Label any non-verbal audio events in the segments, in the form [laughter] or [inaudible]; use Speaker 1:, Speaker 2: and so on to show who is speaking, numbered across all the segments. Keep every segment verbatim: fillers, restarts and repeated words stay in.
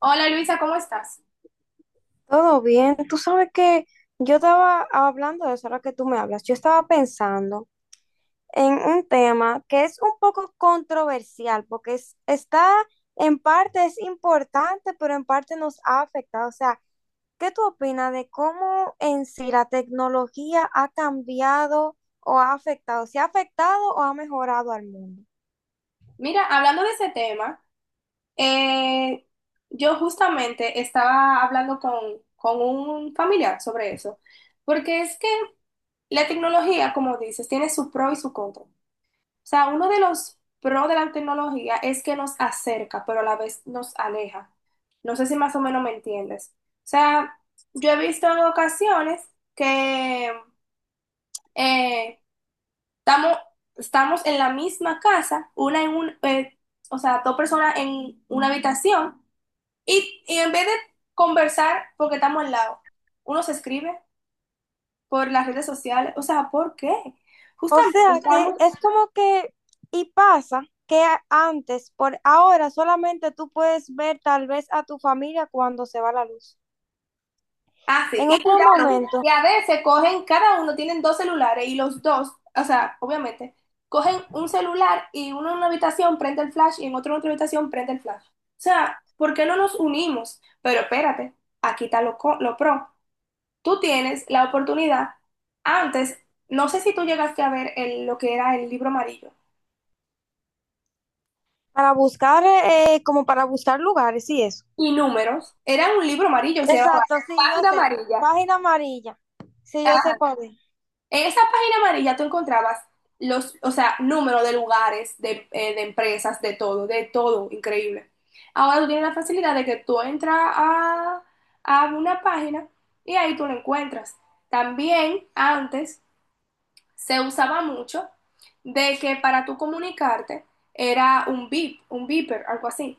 Speaker 1: Hola Luisa, ¿cómo estás?
Speaker 2: Todo bien. Tú sabes que yo estaba hablando de eso ahora que tú me hablas. Yo estaba pensando en un tema que es un poco controversial porque es- está en parte es importante, pero en parte nos ha afectado. O sea, ¿qué tú opinas de cómo en sí la tecnología ha cambiado o ha afectado? ¿Se ha afectado o ha mejorado al mundo?
Speaker 1: Mira, hablando de ese tema, eh, yo justamente estaba hablando con, con un familiar sobre eso, porque es que la tecnología, como dices, tiene su pro y su contra. O sea, uno de los pros de la tecnología es que nos acerca, pero a la vez nos aleja. No sé si más o menos me entiendes. O sea, yo he visto en ocasiones que eh, Estamos, estamos en la misma casa, una en un, eh, o sea, dos personas en una habitación, y, y en vez de conversar, porque estamos al lado, uno se escribe por las redes sociales, o sea, ¿por qué?
Speaker 2: O
Speaker 1: Justamente
Speaker 2: sea que
Speaker 1: estamos
Speaker 2: es como que, y pasa que a- antes, por ahora solamente tú puedes ver tal vez a tu familia cuando se va la luz.
Speaker 1: así,
Speaker 2: En
Speaker 1: y
Speaker 2: otro
Speaker 1: cuidado,
Speaker 2: momento,
Speaker 1: y a veces cogen, cada uno tienen dos celulares, y los dos, o sea, obviamente, cogen un celular y uno en una habitación prende el flash y en otro en otra habitación prende el flash. O sea, ¿por qué no nos unimos? Pero espérate, aquí está lo, co- lo pro. Tú tienes la oportunidad, antes, no sé si tú llegaste a ver el- lo que era el libro amarillo,
Speaker 2: para buscar, eh, como para buscar lugares y eso.
Speaker 1: y números, era un libro amarillo, se llamaba
Speaker 2: Exacto, sí, yo
Speaker 1: Página
Speaker 2: sé.
Speaker 1: Amarilla.
Speaker 2: Página amarilla. Sí, yo sé cuál es.
Speaker 1: En esa página amarilla tú encontrabas los, o sea, números de lugares, de, eh, de empresas, de todo, de todo, increíble. Ahora tú tienes la facilidad de que tú entras a, a una página y ahí tú lo encuentras. También antes se usaba mucho de que para tú comunicarte era un beep, un beeper, algo así.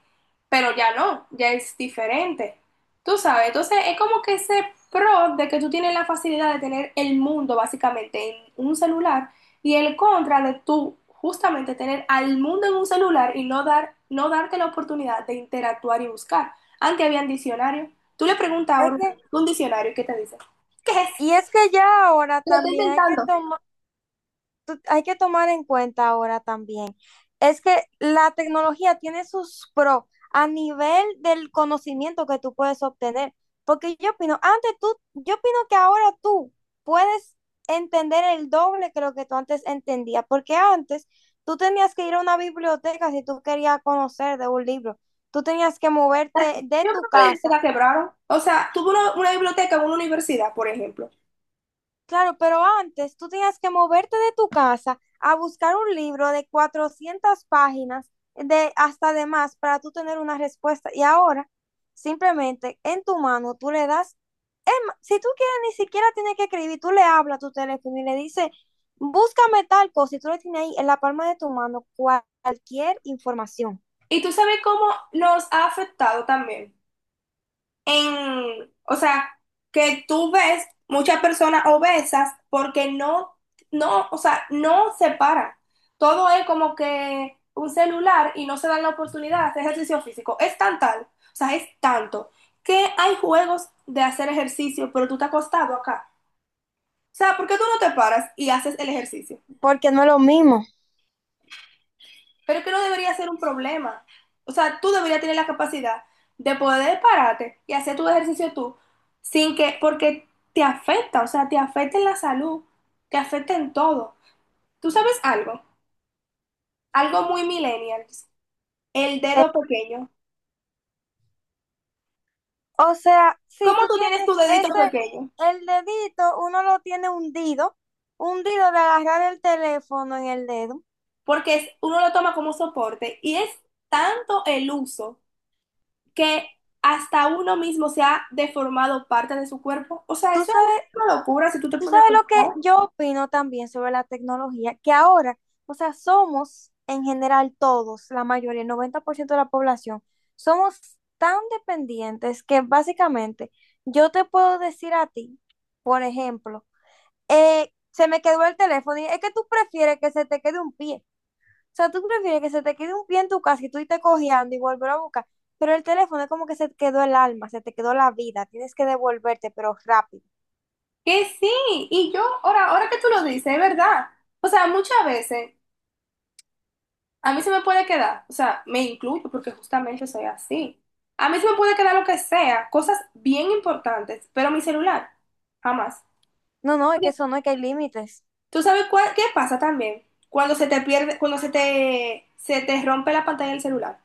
Speaker 1: Pero ya no, ya es diferente. Tú sabes, entonces es como que ese pro de que tú tienes la facilidad de tener el mundo básicamente en un celular y el contra de tú justamente tener al mundo en un celular y no dar no darte la oportunidad de interactuar y buscar. Antes había un diccionario. Tú le preguntas
Speaker 2: Es
Speaker 1: ahora
Speaker 2: que,
Speaker 1: un diccionario y ¿qué te dice? ¿Qué es?
Speaker 2: y es que ya ahora
Speaker 1: Lo estoy
Speaker 2: también hay que
Speaker 1: intentando.
Speaker 2: tomar tú- hay que tomar en cuenta ahora también, es que la tecnología tiene sus pros a nivel del conocimiento que tú puedes obtener, porque yo opino, antes tú, yo opino que ahora tú puedes entender el doble que lo que tú antes entendías, porque antes tú tenías que ir a una biblioteca si tú querías conocer de un libro, tú tenías que moverte de
Speaker 1: Yo creo
Speaker 2: tu
Speaker 1: que la
Speaker 2: casa.
Speaker 1: biblioteca quebraron. O sea, tuvo una, una biblioteca en una universidad, por ejemplo.
Speaker 2: Claro, pero antes tú tenías que moverte de tu casa a buscar un libro de cuatrocientas páginas, de hasta de más, para tú tener una respuesta. Y ahora, simplemente en tu mano, tú le das, es ma- si tú quieres, ni siquiera tienes que escribir, tú le hablas a tu teléfono y le dices, búscame tal cosa, y tú le tienes ahí en la palma de tu mano cual- cualquier información.
Speaker 1: Y tú sabes cómo nos ha afectado también. En, o sea, que tú ves muchas personas obesas porque no, no, o sea, no se paran. Todo es como que un celular y no se dan la oportunidad de hacer ejercicio físico. Es tan tal, o sea, es tanto que hay juegos de hacer ejercicio, pero tú te has acostado acá. O sea, ¿por qué tú no te paras y haces el ejercicio?
Speaker 2: Porque no es lo mismo.
Speaker 1: Pero que no debería ser un problema. O sea, tú deberías tener la capacidad de poder pararte y hacer tu ejercicio tú, sin que, porque te afecta, o sea, te afecta en la salud, te afecta en todo. ¿Tú sabes algo? Algo muy millennials, el
Speaker 2: Eh,
Speaker 1: dedo pequeño.
Speaker 2: o sea, si
Speaker 1: ¿Cómo
Speaker 2: tú
Speaker 1: tú
Speaker 2: tienes
Speaker 1: tienes tu dedito
Speaker 2: ese,
Speaker 1: pequeño?
Speaker 2: el dedito, uno lo tiene hundido, hundido de agarrar el teléfono en el dedo.
Speaker 1: Porque es- uno lo toma como soporte y es tanto el uso que hasta uno mismo se ha deformado parte de su cuerpo. O sea,
Speaker 2: Tú
Speaker 1: eso es
Speaker 2: sabes,
Speaker 1: una locura si tú te
Speaker 2: tú
Speaker 1: pones a
Speaker 2: sabes lo
Speaker 1: pensar.
Speaker 2: que yo opino también sobre la tecnología, que ahora, o sea, somos en general todos, la mayoría, el noventa por ciento de la población, somos tan dependientes que básicamente yo te puedo decir a ti, por ejemplo, eh, se me quedó el teléfono y es que tú prefieres que se te quede un pie. O sea, tú prefieres que se te quede un pie en tu casa y tú irte cojeando y volver a buscar. Pero el teléfono es como que se te quedó el alma, se te quedó la vida. Tienes que devolverte, pero rápido.
Speaker 1: Que sí, y yo, ahora, ahora que tú lo dices, es verdad. O sea, muchas veces a mí se me puede quedar, o sea, me incluyo porque justamente soy así. A mí se me puede quedar lo que sea, cosas bien importantes, pero mi celular, jamás.
Speaker 2: No, no, es que
Speaker 1: Porque,
Speaker 2: eso no, es que hay límites.
Speaker 1: ¿Tú sabes cuál- qué pasa también? Cuando se te pierde, cuando se te, se te rompe la pantalla del celular,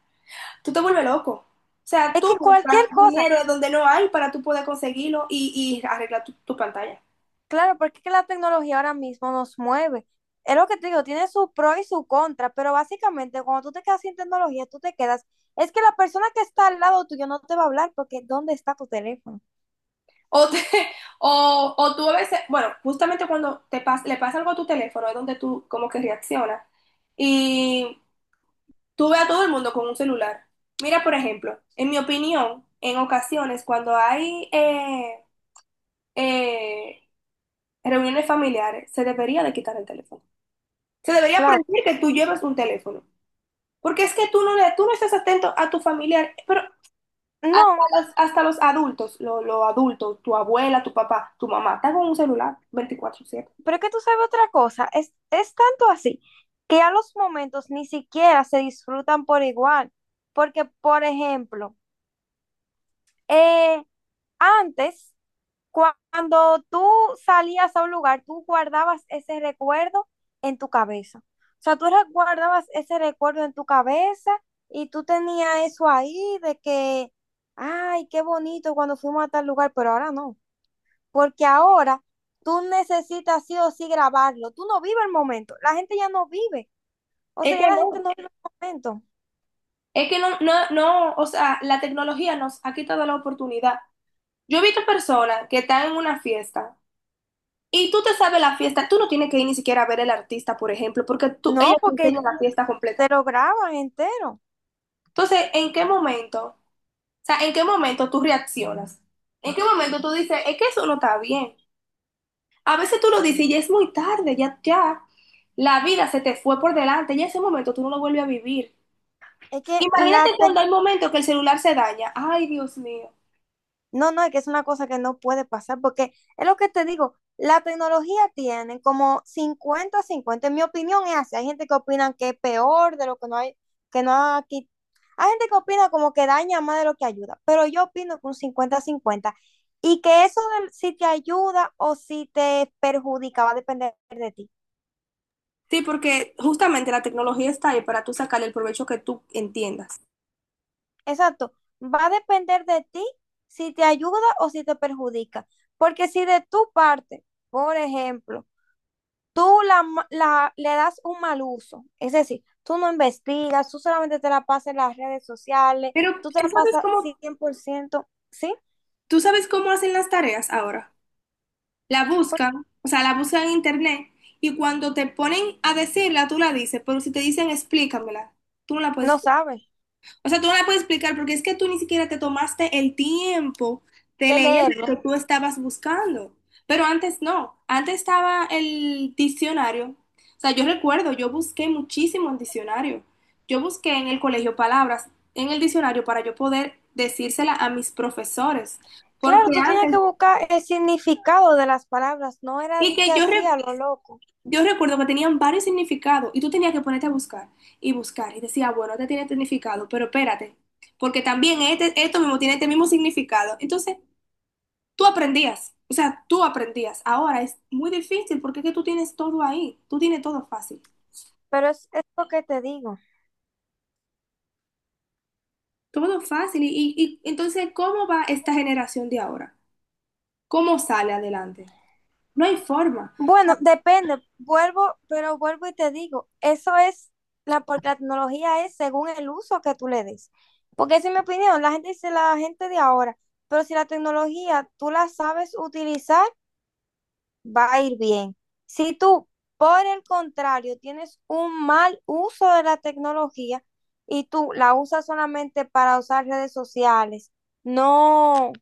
Speaker 1: tú te vuelves loco. O sea,
Speaker 2: Es que
Speaker 1: tú buscas
Speaker 2: cualquier cosa,
Speaker 1: dinero donde no hay para tú poder conseguirlo y, y arreglar tu tu pantalla.
Speaker 2: claro, porque es que la tecnología ahora mismo nos mueve. Es lo que te digo, tiene su pro y su contra, pero básicamente cuando tú te quedas sin tecnología, tú te quedas. Es que la persona que está al lado tuyo no te va a hablar porque ¿dónde está tu teléfono?
Speaker 1: O, te- [laughs] o, o tú a veces, bueno, justamente cuando te pas- le pasa algo a tu teléfono es donde tú como que reaccionas. Y tú ves a todo el mundo con un celular. Mira, por ejemplo, en mi opinión, en ocasiones cuando hay eh, eh, reuniones familiares, se debería de quitar el teléfono. Se debería
Speaker 2: Claro.
Speaker 1: prohibir que tú lleves un teléfono. Porque es que tú no, le- tú no estás atento a tu familiar, pero hasta
Speaker 2: No,
Speaker 1: los, hasta los adultos, lo- los adultos, tu abuela, tu papá, tu mamá, están con un celular veinticuatro siete.
Speaker 2: pero es que tú sabes otra cosa, es, es tanto así que a los momentos ni siquiera se disfrutan por igual. Porque, por ejemplo, eh, antes, cua- cuando tú salías a un lugar, tú guardabas ese recuerdo en tu cabeza. O sea, tú re- guardabas ese recuerdo en tu cabeza y tú tenías eso ahí de que, ay, qué bonito cuando fuimos a tal lugar, pero ahora no porque ahora tú necesitas sí o sí grabarlo. Tú no vives el momento. La gente ya no vive. O sea,
Speaker 1: Es
Speaker 2: ya
Speaker 1: que
Speaker 2: la gente
Speaker 1: no,
Speaker 2: no vive el momento.
Speaker 1: es que no, no, no, o sea, la tecnología nos ha quitado la oportunidad. Yo he visto personas que están en una fiesta y tú te sabes la fiesta, tú no tienes que ir ni siquiera a ver el artista, por ejemplo, porque tú,
Speaker 2: No,
Speaker 1: ella te
Speaker 2: porque
Speaker 1: enseña la fiesta
Speaker 2: te
Speaker 1: completa.
Speaker 2: lo graban entero.
Speaker 1: Entonces, ¿en qué momento? O sea, ¿en qué momento tú reaccionas? ¿En qué momento tú dices, es que eso no está bien? A veces tú lo dices y ya es muy tarde, ya, ya, la vida se te fue por delante, ya ese momento tú no lo vuelves a vivir.
Speaker 2: Es que la.
Speaker 1: Imagínate cuando hay momentos que el celular se daña. Ay, Dios mío.
Speaker 2: No, no, es que es una cosa que no puede pasar, porque es lo que te digo, la tecnología tiene como cincuenta a cincuenta, en mi opinión es así, hay gente que opina que es peor de lo que no hay, que no ha quit- hay gente que opina como que daña más de lo que ayuda, pero yo opino que un cincuenta a cincuenta y que eso del- si te ayuda o si te perjudica va a depender de ti,
Speaker 1: Sí, porque justamente la tecnología está ahí para tú sacarle el provecho que tú entiendas.
Speaker 2: exacto, va a depender de ti si te ayuda o si te perjudica, porque si de tu parte, por ejemplo, tú la, la- le das un mal uso, es decir, tú no investigas, tú solamente te la pasas en las redes sociales,
Speaker 1: Pero
Speaker 2: tú te
Speaker 1: tú
Speaker 2: la
Speaker 1: sabes
Speaker 2: pasas
Speaker 1: cómo,
Speaker 2: cien por ciento, ¿sí?
Speaker 1: tú sabes cómo hacen las tareas ahora. La
Speaker 2: Pues,
Speaker 1: buscan, o sea, la buscan en internet y cuando te ponen a decirla, tú la dices, pero si te dicen explícamela, tú no la
Speaker 2: no
Speaker 1: puedes.
Speaker 2: sabes
Speaker 1: O sea, tú no la puedes explicar porque es que tú ni siquiera te tomaste el tiempo de
Speaker 2: de
Speaker 1: leer
Speaker 2: leerlo.
Speaker 1: lo que tú estabas buscando. Pero antes no, antes estaba el diccionario. O sea, yo recuerdo, yo busqué muchísimo en diccionario. Yo busqué en el colegio palabras en el diccionario para yo poder decírsela a mis profesores.
Speaker 2: Claro,
Speaker 1: Porque
Speaker 2: tú tenías que
Speaker 1: antes,
Speaker 2: buscar el significado de las palabras, no era
Speaker 1: y
Speaker 2: de que
Speaker 1: que yo
Speaker 2: así a
Speaker 1: recuerdo
Speaker 2: lo loco,
Speaker 1: Yo recuerdo que tenían varios significados y tú tenías que ponerte a buscar y buscar y decía, bueno, este tiene este significado, pero espérate, porque también este, esto mismo tiene este mismo significado. Entonces, tú aprendías, o sea, tú aprendías. Ahora es muy difícil porque es que tú tienes todo ahí, tú tienes todo fácil,
Speaker 2: pero es, es lo que te digo.
Speaker 1: todo fácil. Y, y, y entonces, ¿cómo va esta generación de ahora? ¿Cómo sale adelante? No hay forma.
Speaker 2: Bueno, depende, vuelvo, pero vuelvo y te digo, eso es la, porque la tecnología es según el uso que tú le des. Porque esa es mi opinión, la gente dice la gente de ahora, pero si la tecnología tú la sabes utilizar, va a ir bien. Si tú, por el contrario, tienes un mal uso de la tecnología y tú la usas solamente para usar redes sociales, no,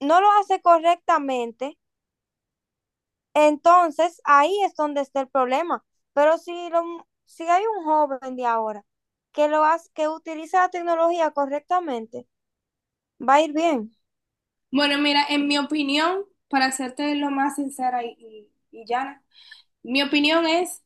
Speaker 2: no lo hace correctamente. Entonces, ahí es donde está el problema. Pero si, lo, si hay un joven de ahora que, lo hace, que utiliza la tecnología correctamente, va a ir bien.
Speaker 1: Bueno, mira, en mi opinión, para serte lo más sincera y, y y llana, mi opinión es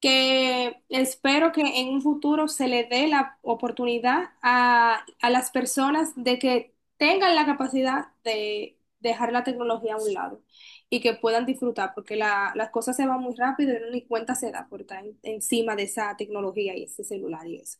Speaker 1: que espero que en un futuro se le dé la oportunidad a, a las personas de que tengan la capacidad de dejar la tecnología a un lado y que puedan disfrutar, porque la- las cosas se van muy rápido y uno ni cuenta se da por estar en- encima de esa tecnología y ese celular y eso.